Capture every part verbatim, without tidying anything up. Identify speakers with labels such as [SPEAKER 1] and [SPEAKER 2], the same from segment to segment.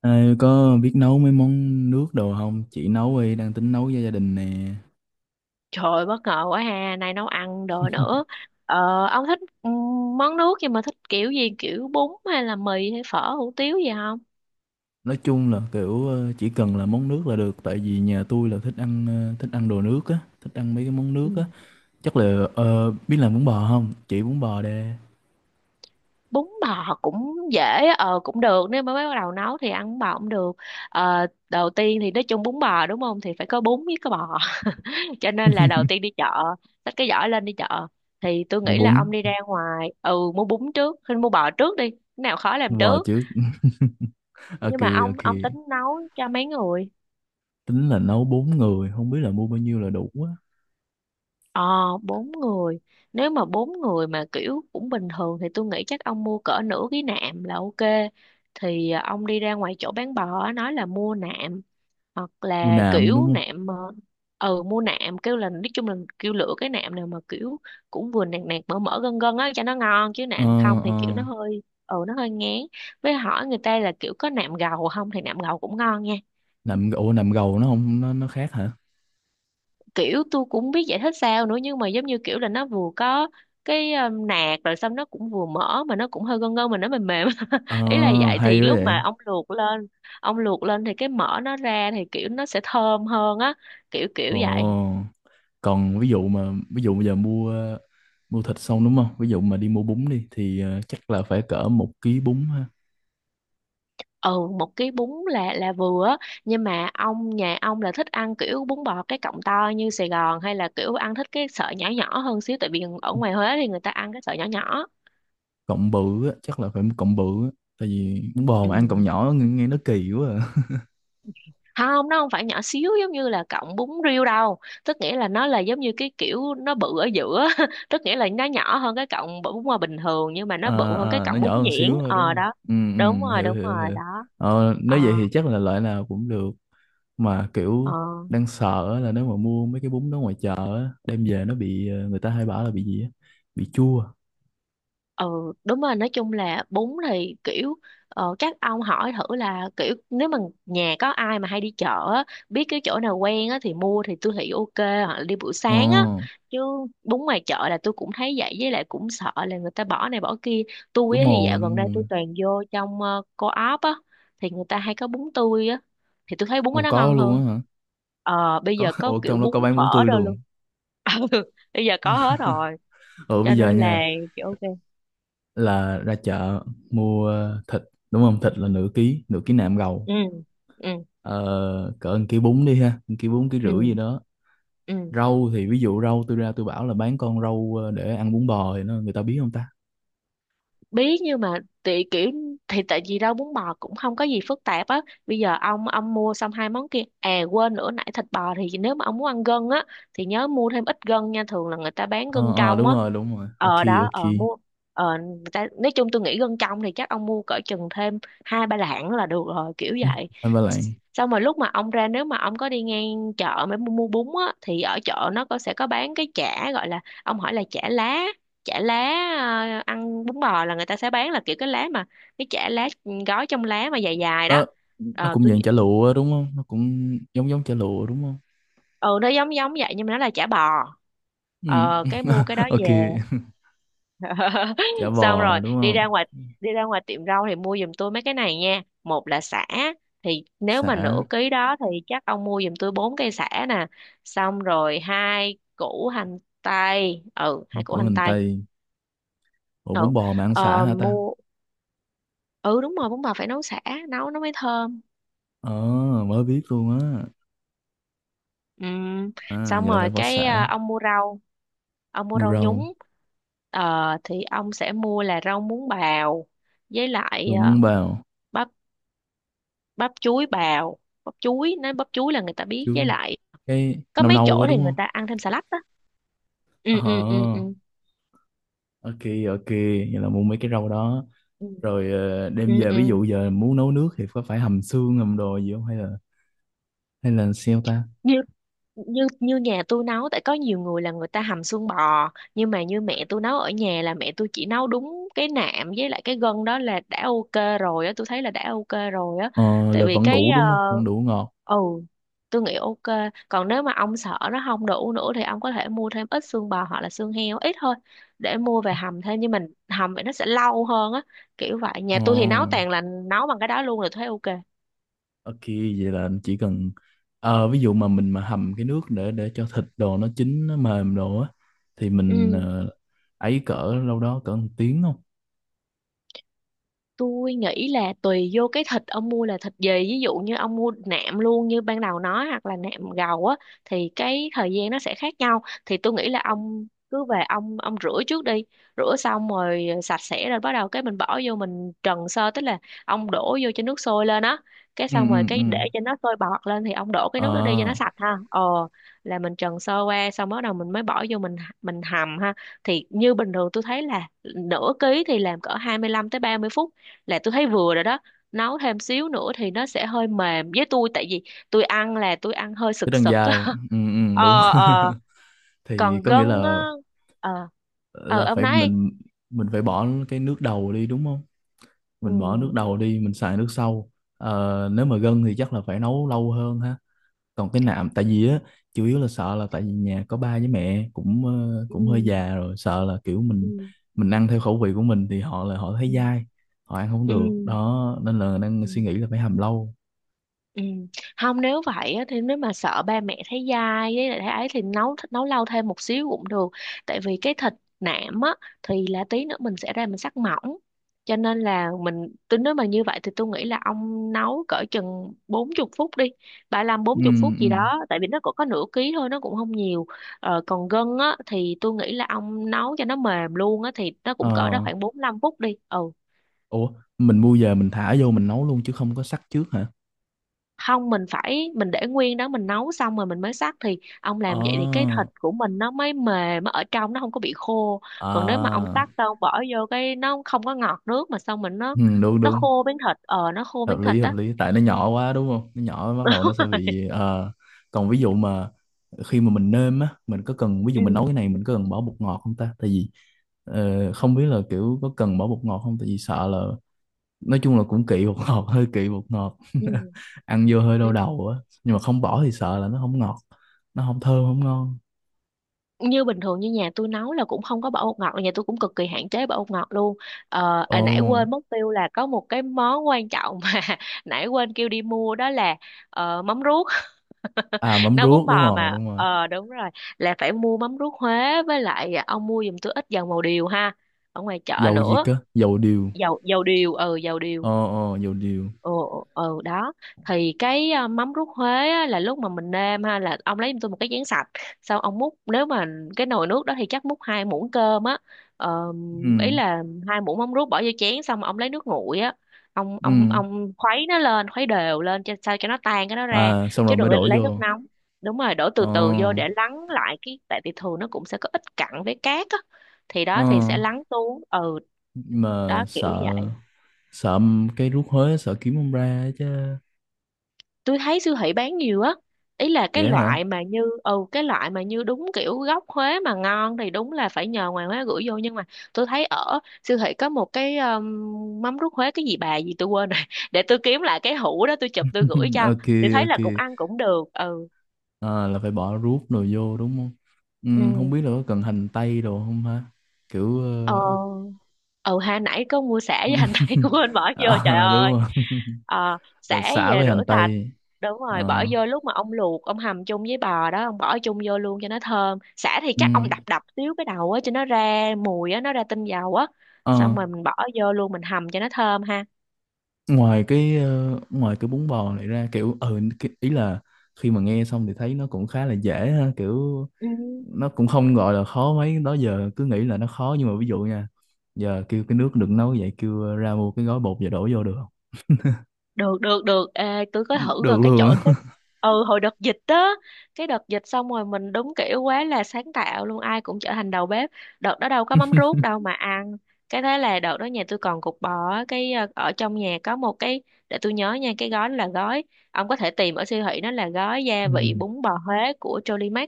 [SPEAKER 1] Ai có biết nấu mấy món nước đồ không? Chị nấu đi, đang tính nấu cho gia đình nè.
[SPEAKER 2] Trời bất ngờ quá ha, nay nấu ăn đồ nữa. Ờ, ông thích ừ, món nước nhưng mà thích kiểu gì, kiểu bún hay là mì hay phở hủ tiếu gì không?
[SPEAKER 1] Nói chung là kiểu ờ, chỉ cần là món nước là được, tại vì nhà tôi là thích ăn ờ, thích ăn đồ nước á, thích ăn mấy cái món nước
[SPEAKER 2] Ừ.
[SPEAKER 1] á. Chắc là ờ, biết làm bún bò không? Chị bún bò đê.
[SPEAKER 2] Bún bò cũng dễ, ờ cũng được, nếu mới bắt đầu nấu thì ăn bún bò cũng được. Ờ, đầu tiên thì nói chung bún bò, đúng không, thì phải có bún với có bò. Cho nên là đầu tiên đi chợ, xách cái giỏ lên đi chợ, thì tôi
[SPEAKER 1] Mua
[SPEAKER 2] nghĩ là
[SPEAKER 1] bún,
[SPEAKER 2] ông đi ra ngoài ừ mua bún trước, hay mua bò trước đi, cái nào khó làm
[SPEAKER 1] bò
[SPEAKER 2] trước.
[SPEAKER 1] trước. Ok,
[SPEAKER 2] Nhưng mà ông
[SPEAKER 1] ok.
[SPEAKER 2] ông tính nấu cho mấy người?
[SPEAKER 1] Tính là nấu bốn người, không biết là mua bao nhiêu là đủ á.
[SPEAKER 2] Ờ, bốn người. Nếu mà bốn người mà kiểu cũng bình thường thì tôi nghĩ chắc ông mua cỡ nửa cái nạm là ok. Thì à, ông đi ra ngoài chỗ bán bò á, nói là mua nạm, hoặc
[SPEAKER 1] Mua
[SPEAKER 2] là
[SPEAKER 1] nạm đúng
[SPEAKER 2] kiểu
[SPEAKER 1] không?
[SPEAKER 2] nạm ờ, ừ mua nạm, kêu là, nói chung là kêu lựa cái nạm nào mà kiểu cũng vừa nạc nạc mỡ mỡ gân gân á cho nó ngon, chứ
[SPEAKER 1] Ờ,
[SPEAKER 2] nạm không thì kiểu
[SPEAKER 1] ờ.
[SPEAKER 2] nó hơi ừ nó hơi ngán. Với hỏi người ta là kiểu có nạm gầu không, thì nạm gầu cũng ngon nha.
[SPEAKER 1] Nạm, ủa, nạm gầu nó không, nó, nó khác hả?
[SPEAKER 2] Kiểu tôi cũng biết giải thích sao nữa, nhưng mà giống như kiểu là nó vừa có cái um, nạc, rồi xong nó cũng vừa mỡ, mà nó cũng hơi gân gân, mà nó mềm mềm.
[SPEAKER 1] Ờ,
[SPEAKER 2] Ý là vậy,
[SPEAKER 1] hay
[SPEAKER 2] thì
[SPEAKER 1] quá
[SPEAKER 2] lúc
[SPEAKER 1] vậy.
[SPEAKER 2] mà ông luộc lên, ông luộc lên thì cái mỡ nó ra thì kiểu nó sẽ thơm hơn á, kiểu kiểu vậy.
[SPEAKER 1] Ồ. Còn ví dụ mà ví dụ bây giờ mua mua thịt xong đúng không, ví dụ mà đi mua bún đi thì ờ, chắc là phải cỡ một ký bún ha.
[SPEAKER 2] Ừ, một cái bún là là vừa á, nhưng mà ông nhà ông là thích ăn kiểu bún bò cái cọng to như Sài Gòn, hay là kiểu ăn thích cái sợi nhỏ nhỏ hơn xíu, tại vì ở ngoài Huế thì người ta ăn cái sợi nhỏ nhỏ.
[SPEAKER 1] Cộng bự á, chắc là phải một cộng bự á. Tại vì bún bò
[SPEAKER 2] Ừ,
[SPEAKER 1] mà ăn cộng nhỏ nghe, nghe nó kỳ quá à.
[SPEAKER 2] không, nó không phải nhỏ xíu giống như là cọng bún riêu đâu, tức nghĩa là nó là giống như cái kiểu nó bự ở giữa. Tức nghĩa là nó nhỏ hơn cái cọng bún bún hoa bình thường, nhưng mà nó bự
[SPEAKER 1] Ờ,
[SPEAKER 2] hơn cái
[SPEAKER 1] ờ, nó
[SPEAKER 2] cọng bún
[SPEAKER 1] nhỏ hơn
[SPEAKER 2] nhuyễn,
[SPEAKER 1] xíu thôi đúng
[SPEAKER 2] ờ
[SPEAKER 1] không,
[SPEAKER 2] đó.
[SPEAKER 1] ừ,
[SPEAKER 2] Đúng
[SPEAKER 1] ừ,
[SPEAKER 2] rồi,
[SPEAKER 1] hiểu
[SPEAKER 2] đúng
[SPEAKER 1] hiểu
[SPEAKER 2] rồi
[SPEAKER 1] hiểu.
[SPEAKER 2] đó.
[SPEAKER 1] Ờ,
[SPEAKER 2] Ờ,
[SPEAKER 1] nếu vậy thì chắc là loại nào cũng được, mà kiểu
[SPEAKER 2] ờ.
[SPEAKER 1] đang sợ á là nếu mà mua mấy cái bún đó ngoài chợ á, đem về nó bị ờ, người ta hay bảo là bị gì á, bị chua.
[SPEAKER 2] Ừ, đúng rồi. Nói chung là bún thì kiểu, ờ, các ông hỏi thử là kiểu, nếu mà nhà có ai mà hay đi chợ á, biết cái chỗ nào quen á, thì mua thì tôi thấy ok, hoặc là đi buổi
[SPEAKER 1] Ờ,
[SPEAKER 2] sáng á. Chứ bún ngoài chợ là tôi cũng thấy vậy, với lại cũng sợ là người ta bỏ này bỏ kia. Tôi
[SPEAKER 1] đúng
[SPEAKER 2] á, thì
[SPEAKER 1] rồi,
[SPEAKER 2] dạo gần
[SPEAKER 1] đúng
[SPEAKER 2] đây tôi
[SPEAKER 1] rồi.
[SPEAKER 2] toàn vô trong ờ, co-op á, thì người ta hay có bún tươi á, thì tôi thấy bún của
[SPEAKER 1] Ồ,
[SPEAKER 2] nó ngon
[SPEAKER 1] có
[SPEAKER 2] hơn.
[SPEAKER 1] luôn á.
[SPEAKER 2] Ờ, bây
[SPEAKER 1] Có.
[SPEAKER 2] giờ có
[SPEAKER 1] Ủa,
[SPEAKER 2] kiểu
[SPEAKER 1] trong đó
[SPEAKER 2] bún
[SPEAKER 1] có bán
[SPEAKER 2] phở
[SPEAKER 1] bún tươi
[SPEAKER 2] đâu
[SPEAKER 1] luôn?
[SPEAKER 2] luôn. Ừ, bây giờ có hết rồi,
[SPEAKER 1] Ở
[SPEAKER 2] cho
[SPEAKER 1] bây giờ
[SPEAKER 2] nên
[SPEAKER 1] nha.
[SPEAKER 2] là ok.
[SPEAKER 1] Là ra chợ mua thịt, đúng không? Thịt là nửa ký nửa ký nạm gầu.
[SPEAKER 2] Ừ ừ
[SPEAKER 1] Ờ, cỡ một ký bún đi ha, một ký bún ký rưỡi gì
[SPEAKER 2] ừ
[SPEAKER 1] đó.
[SPEAKER 2] ừ.
[SPEAKER 1] Rau thì ví dụ rau, tôi ra tôi bảo là bán con rau ờ, để ăn bún bò thì nó người ta biết không ta?
[SPEAKER 2] Bí nhưng mà, tị kiểu, thì tại vì rau muống bò cũng không có gì phức tạp á. Bây giờ ông ông mua xong hai món kia, à quên nữa, nãy thịt bò thì nếu mà ông muốn ăn gân á thì nhớ mua thêm ít gân nha, thường là người ta bán gân
[SPEAKER 1] Ờ, ờ,
[SPEAKER 2] trong
[SPEAKER 1] đúng
[SPEAKER 2] á.
[SPEAKER 1] rồi, đúng rồi, ok,
[SPEAKER 2] Ờ đó,
[SPEAKER 1] ok.
[SPEAKER 2] ờ mua, ờ người ta, nói chung tôi nghĩ gân trong thì chắc ông mua cỡ chừng thêm hai ba lạng là được rồi, kiểu
[SPEAKER 1] Ừ.
[SPEAKER 2] vậy.
[SPEAKER 1] Anh ba lại.
[SPEAKER 2] Xong rồi lúc mà ông ra, nếu mà ông có đi ngang chợ mới mua, mua bún á, thì ở chợ nó có sẽ có bán cái chả, gọi là ông hỏi là chả lá, chả lá. Ờ, ăn bún bò là người ta sẽ bán là kiểu cái lá mà, cái chả lá, gói trong lá mà dài dài đó.
[SPEAKER 1] Nó nó
[SPEAKER 2] Ờ,
[SPEAKER 1] cũng
[SPEAKER 2] tôi,
[SPEAKER 1] dạng chả lụa á, đúng không, nó cũng giống giống chả lụa đúng không?
[SPEAKER 2] ừ nó giống giống vậy nhưng mà nó là chả bò.
[SPEAKER 1] Ừ.
[SPEAKER 2] Ờ cái mua cái đó về.
[SPEAKER 1] Ok, chả
[SPEAKER 2] Xong
[SPEAKER 1] bò
[SPEAKER 2] rồi
[SPEAKER 1] đúng
[SPEAKER 2] đi
[SPEAKER 1] không?
[SPEAKER 2] ra ngoài, đi ra ngoài tiệm rau thì mua giùm tôi mấy cái này nha, một là sả, thì nếu mà nửa
[SPEAKER 1] Sả.
[SPEAKER 2] ký đó thì chắc ông mua giùm tôi bốn cây sả nè. Xong rồi hai củ hành tây, ừ hai củ
[SPEAKER 1] Của
[SPEAKER 2] hành
[SPEAKER 1] mình
[SPEAKER 2] tây
[SPEAKER 1] tây. Ủa, bún
[SPEAKER 2] Ừ,
[SPEAKER 1] bò mà ăn sả
[SPEAKER 2] ờ,
[SPEAKER 1] hả ta?
[SPEAKER 2] mua, ừ đúng rồi, bún bò phải nấu sả, nấu nó mới thơm.
[SPEAKER 1] Ờ, mới biết luôn á.
[SPEAKER 2] Ừ.
[SPEAKER 1] À,
[SPEAKER 2] Xong
[SPEAKER 1] vậy là
[SPEAKER 2] rồi
[SPEAKER 1] phải bỏ
[SPEAKER 2] cái
[SPEAKER 1] sả,
[SPEAKER 2] à, ông mua rau, ông mua
[SPEAKER 1] mua
[SPEAKER 2] rau
[SPEAKER 1] rau,
[SPEAKER 2] nhúng. Ờ, thì ông sẽ mua là rau muống bào, với lại à,
[SPEAKER 1] lụng bào,
[SPEAKER 2] bắp, bắp chuối bào, bắp chuối, nói bắp chuối là người ta biết, với
[SPEAKER 1] chuối,
[SPEAKER 2] lại
[SPEAKER 1] cái
[SPEAKER 2] có
[SPEAKER 1] nâu
[SPEAKER 2] mấy
[SPEAKER 1] nâu
[SPEAKER 2] chỗ
[SPEAKER 1] quá
[SPEAKER 2] thì
[SPEAKER 1] đúng
[SPEAKER 2] người
[SPEAKER 1] không?
[SPEAKER 2] ta ăn thêm xà lách đó. Ừ ừ ừ ừ.
[SPEAKER 1] Ờ, ok, ok. Vậy là mua mấy cái rau đó. Rồi ờ, đem
[SPEAKER 2] Ừ
[SPEAKER 1] về, ví
[SPEAKER 2] ừ.
[SPEAKER 1] dụ giờ muốn nấu nước thì có phải hầm xương, hầm đồ gì không? Hay là hay là sao ta?
[SPEAKER 2] Ừ. Như như nhà tôi nấu, tại có nhiều người là người ta hầm xương bò, nhưng mà như mẹ tôi nấu ở nhà là mẹ tôi chỉ nấu đúng cái nạm với lại cái gân đó là đã ok rồi á, tôi thấy là đã ok rồi á.
[SPEAKER 1] Ờ,
[SPEAKER 2] Tại
[SPEAKER 1] là
[SPEAKER 2] vì
[SPEAKER 1] vẫn
[SPEAKER 2] cái
[SPEAKER 1] đủ
[SPEAKER 2] ờ,
[SPEAKER 1] đúng không? Vẫn đủ ngọt.
[SPEAKER 2] ừ tôi nghĩ ok. Còn nếu mà ông sợ nó không đủ nữa thì ông có thể mua thêm ít xương bò hoặc là xương heo ít thôi, để mua về hầm thêm, nhưng mình hầm vậy nó sẽ lâu hơn á, kiểu vậy. Nhà
[SPEAKER 1] Ờ,
[SPEAKER 2] tôi thì nấu toàn là nấu bằng cái đó luôn, là tôi thấy ok.
[SPEAKER 1] ok. Vậy là chỉ cần. Ờ, ví dụ mà mình mà hầm cái nước để để cho thịt đồ nó chín, nó mềm đồ á, thì mình
[SPEAKER 2] Ừ.
[SPEAKER 1] ờ, ấy cỡ lâu đó, cỡ một tiếng không?
[SPEAKER 2] Tôi nghĩ là tùy vô cái thịt ông mua là thịt gì, ví dụ như ông mua nạm luôn như ban đầu nói, hoặc là nạm gầu á, thì cái thời gian nó sẽ khác nhau. Thì tôi nghĩ là ông cứ về ông ông rửa trước đi, rửa xong rồi sạch sẽ rồi bắt đầu cái mình bỏ vô mình trần sơ, tức là ông đổ vô cho nước sôi lên á, cái
[SPEAKER 1] Ừ,
[SPEAKER 2] xong rồi
[SPEAKER 1] ừ, ừ.
[SPEAKER 2] cái để cho nó sôi bọt lên thì ông đổ cái
[SPEAKER 1] Ờ,
[SPEAKER 2] nước đó đi cho nó sạch ha. Ờ, là mình trần sơ qua xong bắt đầu mình mới bỏ vô, mình mình hầm ha. Thì như bình thường tôi thấy là, nửa ký thì làm cỡ hai mươi lăm tới ba mươi phút là tôi thấy vừa rồi đó. Nấu thêm xíu nữa thì nó sẽ hơi mềm, với tôi tại vì tôi ăn là tôi ăn hơi
[SPEAKER 1] cái
[SPEAKER 2] sực
[SPEAKER 1] đường
[SPEAKER 2] sực
[SPEAKER 1] dài.
[SPEAKER 2] á.
[SPEAKER 1] Ừ, ừ, đúng.
[SPEAKER 2] Ờ ờ,
[SPEAKER 1] Thì
[SPEAKER 2] còn
[SPEAKER 1] có nghĩa
[SPEAKER 2] gân á,
[SPEAKER 1] là
[SPEAKER 2] ờ. Ờ,
[SPEAKER 1] là
[SPEAKER 2] ông
[SPEAKER 1] phải
[SPEAKER 2] nói đi.
[SPEAKER 1] mình mình phải bỏ cái nước đầu đi đúng không, mình bỏ nước
[SPEAKER 2] Ừ
[SPEAKER 1] đầu đi mình xài nước sau. Ờ, nếu mà gân thì chắc là phải nấu lâu hơn ha. Còn cái nạm tại vì á chủ yếu là sợ, là tại vì nhà có ba với mẹ cũng ờ,
[SPEAKER 2] ừ
[SPEAKER 1] cũng hơi già rồi, sợ là kiểu mình
[SPEAKER 2] ừ
[SPEAKER 1] mình ăn theo khẩu vị của mình thì họ là họ thấy
[SPEAKER 2] ừ
[SPEAKER 1] dai, họ ăn không được
[SPEAKER 2] ừ
[SPEAKER 1] đó, nên là đang
[SPEAKER 2] ừ.
[SPEAKER 1] suy nghĩ là phải hầm lâu.
[SPEAKER 2] Ừ. Không, nếu vậy á, thì nếu mà sợ ba mẹ thấy dai với lại thấy ấy thì nấu nấu lâu thêm một xíu cũng được, tại vì cái thịt nạm á, thì là tí nữa mình sẽ ra mình sắc mỏng, cho nên là mình tính, nếu mà như vậy thì tôi nghĩ là ông nấu cỡ chừng bốn mươi phút đi, ba lăm bốn
[SPEAKER 1] Ừ,
[SPEAKER 2] 40 phút
[SPEAKER 1] ừ,
[SPEAKER 2] gì đó, tại vì nó cũng có nửa ký thôi, nó cũng không nhiều. Ờ, còn gân á thì tôi nghĩ là ông nấu cho nó mềm luôn á, thì nó
[SPEAKER 1] ờ.
[SPEAKER 2] cũng cỡ đó, khoảng bốn mươi lăm phút đi, ừ.
[SPEAKER 1] Ủa, mình mua về mình thả vô mình nấu luôn chứ không có sắc trước hả?
[SPEAKER 2] Không, mình phải mình để nguyên đó mình nấu xong rồi mình mới xắt, thì ông làm vậy thì cái thịt
[SPEAKER 1] Ờ,
[SPEAKER 2] của mình nó mới mềm, nó ở trong nó không có bị khô. Còn nếu mà ông
[SPEAKER 1] à,
[SPEAKER 2] xắt đâu bỏ vô cái nó không có ngọt nước, mà xong mình nó
[SPEAKER 1] ừ, đúng
[SPEAKER 2] nó
[SPEAKER 1] đúng,
[SPEAKER 2] khô miếng thịt, ờ nó khô
[SPEAKER 1] hợp
[SPEAKER 2] miếng thịt
[SPEAKER 1] lý hợp
[SPEAKER 2] đó.
[SPEAKER 1] lý. Tại nó nhỏ quá đúng không? Nó nhỏ bắt đầu nó sẽ bị. Ờ. Còn ví dụ mà khi mà mình nêm á, mình có cần, ví dụ
[SPEAKER 2] Ừ
[SPEAKER 1] mình nấu cái này mình có cần bỏ bột ngọt không ta? Tại vì ờ, không biết là kiểu có cần bỏ bột ngọt không? Tại vì sợ là, nói chung là cũng kỵ bột ngọt, hơi kỵ bột ngọt,
[SPEAKER 2] ừ
[SPEAKER 1] ăn vô hơi
[SPEAKER 2] ừ.
[SPEAKER 1] đau đầu á. Nhưng mà không bỏ thì sợ là nó không ngọt, nó không thơm không ngon.
[SPEAKER 2] Như bình thường như nhà tôi nấu là cũng không có bỏ bột ngọt, là nhà tôi cũng cực kỳ hạn chế bỏ bột ngọt luôn. Ờ
[SPEAKER 1] Ồ,
[SPEAKER 2] à, nãy quên mất tiêu là có một cái món quan trọng mà. Nãy quên kêu đi mua đó là, ờ, mắm ruốc.
[SPEAKER 1] à mắm
[SPEAKER 2] Nấu bún
[SPEAKER 1] ruốc, đúng
[SPEAKER 2] bò
[SPEAKER 1] rồi
[SPEAKER 2] mà,
[SPEAKER 1] đúng rồi.
[SPEAKER 2] ờ đúng rồi, là phải mua mắm ruốc Huế, với lại à, ông mua giùm tôi ít dầu màu điều ha, ở ngoài chợ
[SPEAKER 1] Dầu gì
[SPEAKER 2] nữa.
[SPEAKER 1] cơ? Dầu điều?
[SPEAKER 2] Dầu dầu điều, ừ dầu
[SPEAKER 1] Ờ,
[SPEAKER 2] điều.
[SPEAKER 1] ờ, dầu điều.
[SPEAKER 2] Ồ, ừ đó, thì cái à, mắm rút Huế á, là lúc mà mình nêm ha, là ông lấy giùm tôi một cái chén sạch, sau ông múc, nếu mà cái nồi nước đó thì chắc múc hai muỗng cơm á. Ờ, ý
[SPEAKER 1] Ừ,
[SPEAKER 2] là hai muỗng mắm rút bỏ vô chén, xong ông lấy nước nguội á, ông
[SPEAKER 1] ừ.
[SPEAKER 2] ông ông khuấy nó lên, khuấy đều lên cho sao cho nó tan cái nó ra,
[SPEAKER 1] À, xong
[SPEAKER 2] chứ
[SPEAKER 1] rồi
[SPEAKER 2] đừng
[SPEAKER 1] mới đổ
[SPEAKER 2] lấy nước
[SPEAKER 1] vô.
[SPEAKER 2] nóng. Đúng rồi, đổ
[SPEAKER 1] Ờ,
[SPEAKER 2] từ từ vô để lắng lại cái, tại vì thường nó cũng sẽ có ít cặn với cát á, thì
[SPEAKER 1] ờ.
[SPEAKER 2] đó thì sẽ lắng xuống, ừ.
[SPEAKER 1] Nhưng mà
[SPEAKER 2] Đó kiểu
[SPEAKER 1] sợ
[SPEAKER 2] vậy.
[SPEAKER 1] sợ cái rút hối, sợ kiếm không ra ấy chứ.
[SPEAKER 2] Tôi thấy siêu thị bán nhiều á, ý là
[SPEAKER 1] Vậy
[SPEAKER 2] cái
[SPEAKER 1] hả?
[SPEAKER 2] loại mà như, ừ cái loại mà như đúng kiểu gốc Huế mà ngon thì đúng là phải nhờ ngoài Huế gửi vô, nhưng mà tôi thấy ở siêu thị có một cái um, mắm rút Huế, cái gì bà gì tôi quên rồi. Để tôi kiếm lại Cái hũ đó tôi chụp tôi gửi cho
[SPEAKER 1] Ok,
[SPEAKER 2] thì thấy
[SPEAKER 1] ok.
[SPEAKER 2] là cũng ăn cũng được. Ừ,
[SPEAKER 1] À, là phải bỏ ruốc đồ vô đúng không? Ừ, không
[SPEAKER 2] ừ,
[SPEAKER 1] biết là có cần hành tây đồ không hả, kiểu
[SPEAKER 2] ờ,
[SPEAKER 1] ờ,
[SPEAKER 2] ừ ha, nãy có mua sả với hành tây quên bỏ vô, trời
[SPEAKER 1] à, đúng
[SPEAKER 2] ơi.
[SPEAKER 1] rồi.
[SPEAKER 2] Ờ,
[SPEAKER 1] Là
[SPEAKER 2] xả
[SPEAKER 1] xả
[SPEAKER 2] về
[SPEAKER 1] với hành
[SPEAKER 2] rửa sạch,
[SPEAKER 1] tây.
[SPEAKER 2] đúng rồi, bỏ
[SPEAKER 1] Ờ,
[SPEAKER 2] vô lúc mà ông luộc ông hầm chung với bò đó, ông bỏ chung vô luôn cho nó thơm. Sả thì chắc ông
[SPEAKER 1] ừ,
[SPEAKER 2] đập đập xíu cái đầu á cho nó ra mùi á, nó ra tinh dầu á. Xong
[SPEAKER 1] ờ.
[SPEAKER 2] rồi mình bỏ vô luôn, mình hầm cho nó thơm ha.
[SPEAKER 1] Ngoài cái ờ, ngoài cái bún bò này ra kiểu ừ cái, ý là khi mà nghe xong thì thấy nó cũng khá là dễ ha, kiểu
[SPEAKER 2] Ừ.
[SPEAKER 1] nó cũng không gọi là khó mấy, đó giờ cứ nghĩ là nó khó, nhưng mà ví dụ nha, giờ kêu cái nước được nấu vậy kêu ờ, ra mua cái gói bột và đổ vô được không?
[SPEAKER 2] Được được được. Ê, tôi có thử rồi
[SPEAKER 1] Được
[SPEAKER 2] cái
[SPEAKER 1] luôn
[SPEAKER 2] chỗ
[SPEAKER 1] á?
[SPEAKER 2] cái ừ hồi đợt dịch á, cái đợt dịch xong rồi mình đúng kiểu quá là sáng tạo luôn, ai cũng trở thành đầu bếp. Đợt đó đâu có mắm ruốc đâu mà ăn, cái thế là đợt đó nhà tôi còn cục bò á, cái ờ, ở trong nhà có một cái, để tôi nhớ nha, cái gói đó là gói, ông có thể tìm ở siêu thị, nó là gói gia vị
[SPEAKER 1] Ừ.
[SPEAKER 2] bún bò Huế của Jolimax,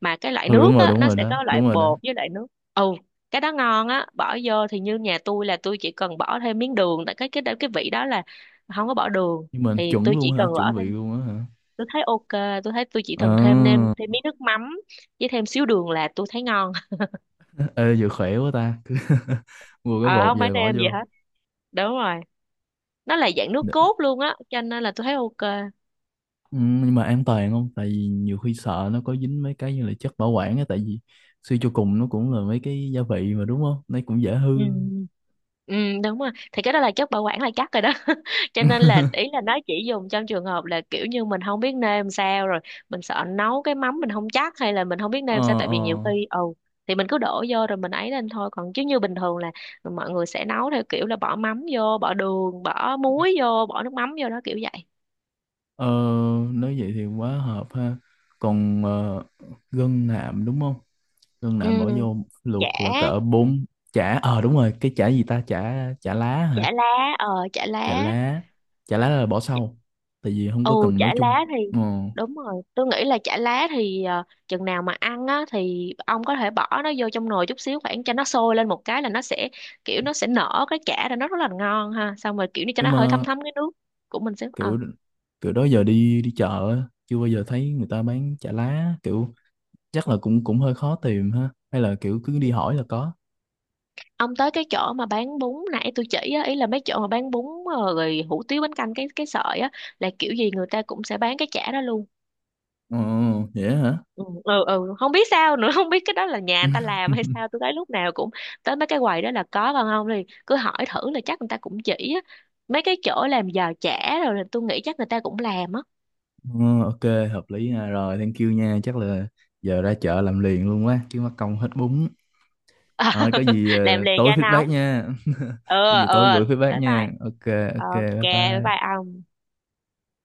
[SPEAKER 2] mà cái loại
[SPEAKER 1] Ừ, đúng
[SPEAKER 2] nước
[SPEAKER 1] rồi,
[SPEAKER 2] á
[SPEAKER 1] đúng
[SPEAKER 2] nó
[SPEAKER 1] rồi
[SPEAKER 2] sẽ
[SPEAKER 1] đó,
[SPEAKER 2] có loại
[SPEAKER 1] đúng rồi đó.
[SPEAKER 2] bột với loại nước. Ừ, cái đó ngon á, bỏ vô thì như nhà tôi là tôi chỉ cần bỏ thêm miếng đường, tại cái cái cái vị đó là không có bỏ đường.
[SPEAKER 1] Nhưng mà
[SPEAKER 2] Thì
[SPEAKER 1] chuẩn
[SPEAKER 2] tôi
[SPEAKER 1] luôn
[SPEAKER 2] chỉ
[SPEAKER 1] hả?
[SPEAKER 2] cần
[SPEAKER 1] Chuẩn
[SPEAKER 2] bỏ
[SPEAKER 1] vị
[SPEAKER 2] thêm,
[SPEAKER 1] luôn á hả?
[SPEAKER 2] tôi thấy ok, tôi thấy tôi chỉ
[SPEAKER 1] Ờ.
[SPEAKER 2] cần thêm nêm thêm miếng nước mắm với thêm xíu đường là tôi thấy ngon.
[SPEAKER 1] Ê, giờ khỏe quá ta. Cứ mua cái
[SPEAKER 2] Ờ
[SPEAKER 1] bột
[SPEAKER 2] không phải
[SPEAKER 1] về bỏ
[SPEAKER 2] nêm
[SPEAKER 1] vô.
[SPEAKER 2] gì hết, đúng rồi, nó là dạng nước cốt luôn á cho nên là tôi thấy ok.
[SPEAKER 1] Ừ, nhưng mà an toàn không, tại vì nhiều khi sợ nó có dính mấy cái như là chất bảo quản á, tại vì suy cho cùng nó cũng là mấy cái gia vị mà đúng không, nó cũng dễ hư.
[SPEAKER 2] Ừ. Ừ, đúng rồi, thì cái đó là chất bảo quản là chắc rồi đó. Cho nên là ý là nó chỉ dùng trong trường hợp là kiểu như mình không biết nêm sao rồi, mình sợ nấu cái mắm mình không chắc, hay là mình không biết
[SPEAKER 1] Ờ,
[SPEAKER 2] nêm sao, tại
[SPEAKER 1] ờ,
[SPEAKER 2] vì nhiều khi ừ thì mình cứ đổ vô rồi mình ấy lên thôi. Còn chứ như bình thường là mọi người sẽ nấu theo kiểu là bỏ mắm vô, bỏ đường, bỏ muối vô, bỏ nước mắm vô, đó kiểu vậy.
[SPEAKER 1] ờ. Nói vậy thì quá hợp ha. Còn ờ, gân nạm đúng không, gân
[SPEAKER 2] Ừ,
[SPEAKER 1] nạm bỏ vô
[SPEAKER 2] chả
[SPEAKER 1] luộc là cỡ bốn. Chả, ờ đúng rồi, cái chả gì ta, chả chả lá hả?
[SPEAKER 2] chả lá ờ chả
[SPEAKER 1] Chả
[SPEAKER 2] lá.
[SPEAKER 1] lá. Chả lá là bỏ sau, tại vì không
[SPEAKER 2] Ừ
[SPEAKER 1] có cần nấu
[SPEAKER 2] chả
[SPEAKER 1] chung.
[SPEAKER 2] lá thì
[SPEAKER 1] Ờ,
[SPEAKER 2] đúng rồi, tôi nghĩ là chả lá thì ờ, chừng nào mà ăn á thì ông có thể bỏ nó vô trong nồi chút xíu, khoảng cho nó sôi lên một cái là nó sẽ, kiểu nó sẽ nở cái chả ra nó rất là ngon ha, xong rồi kiểu như cho
[SPEAKER 1] nhưng
[SPEAKER 2] nó hơi thấm
[SPEAKER 1] mà
[SPEAKER 2] thấm cái nước của mình xíu ờ.
[SPEAKER 1] kiểu, kiểu đó giờ đi đi chợ á, chưa bao giờ thấy người ta bán chả lá kiểu, chắc là cũng cũng hơi khó tìm ha, hay là kiểu cứ đi hỏi là có.
[SPEAKER 2] Ông tới cái chỗ mà bán bún nãy tôi chỉ á, ý là mấy chỗ mà bán bún, ờ, rồi hủ tiếu bánh canh, cái cái sợi á, là kiểu gì người ta cũng sẽ bán cái chả đó luôn.
[SPEAKER 1] Ồ, vậy á hả?
[SPEAKER 2] Ừ, ừ ừ. Không biết sao nữa. Không biết cái đó là nhà người ta làm hay sao, tôi thấy lúc nào cũng tới mấy cái quầy đó là có, còn không thì cứ hỏi thử là chắc người ta cũng chỉ á, mấy cái chỗ làm giò chả rồi là tôi nghĩ chắc người ta cũng làm á.
[SPEAKER 1] Ờ, ok, hợp lý nha. Rồi thank you nha, chắc là giờ ra chợ làm liền luôn quá, chứ mắc công hết bún. Rồi có gì
[SPEAKER 2] Làm
[SPEAKER 1] ờ,
[SPEAKER 2] liền
[SPEAKER 1] tối
[SPEAKER 2] cho nóng.
[SPEAKER 1] feedback nha.
[SPEAKER 2] Ừ.
[SPEAKER 1] Có gì
[SPEAKER 2] Ừ,
[SPEAKER 1] tối gửi feedback
[SPEAKER 2] bye bye.
[SPEAKER 1] nha. Ok. Ok,
[SPEAKER 2] Ok,
[SPEAKER 1] bye
[SPEAKER 2] bye
[SPEAKER 1] bye.
[SPEAKER 2] bye ông.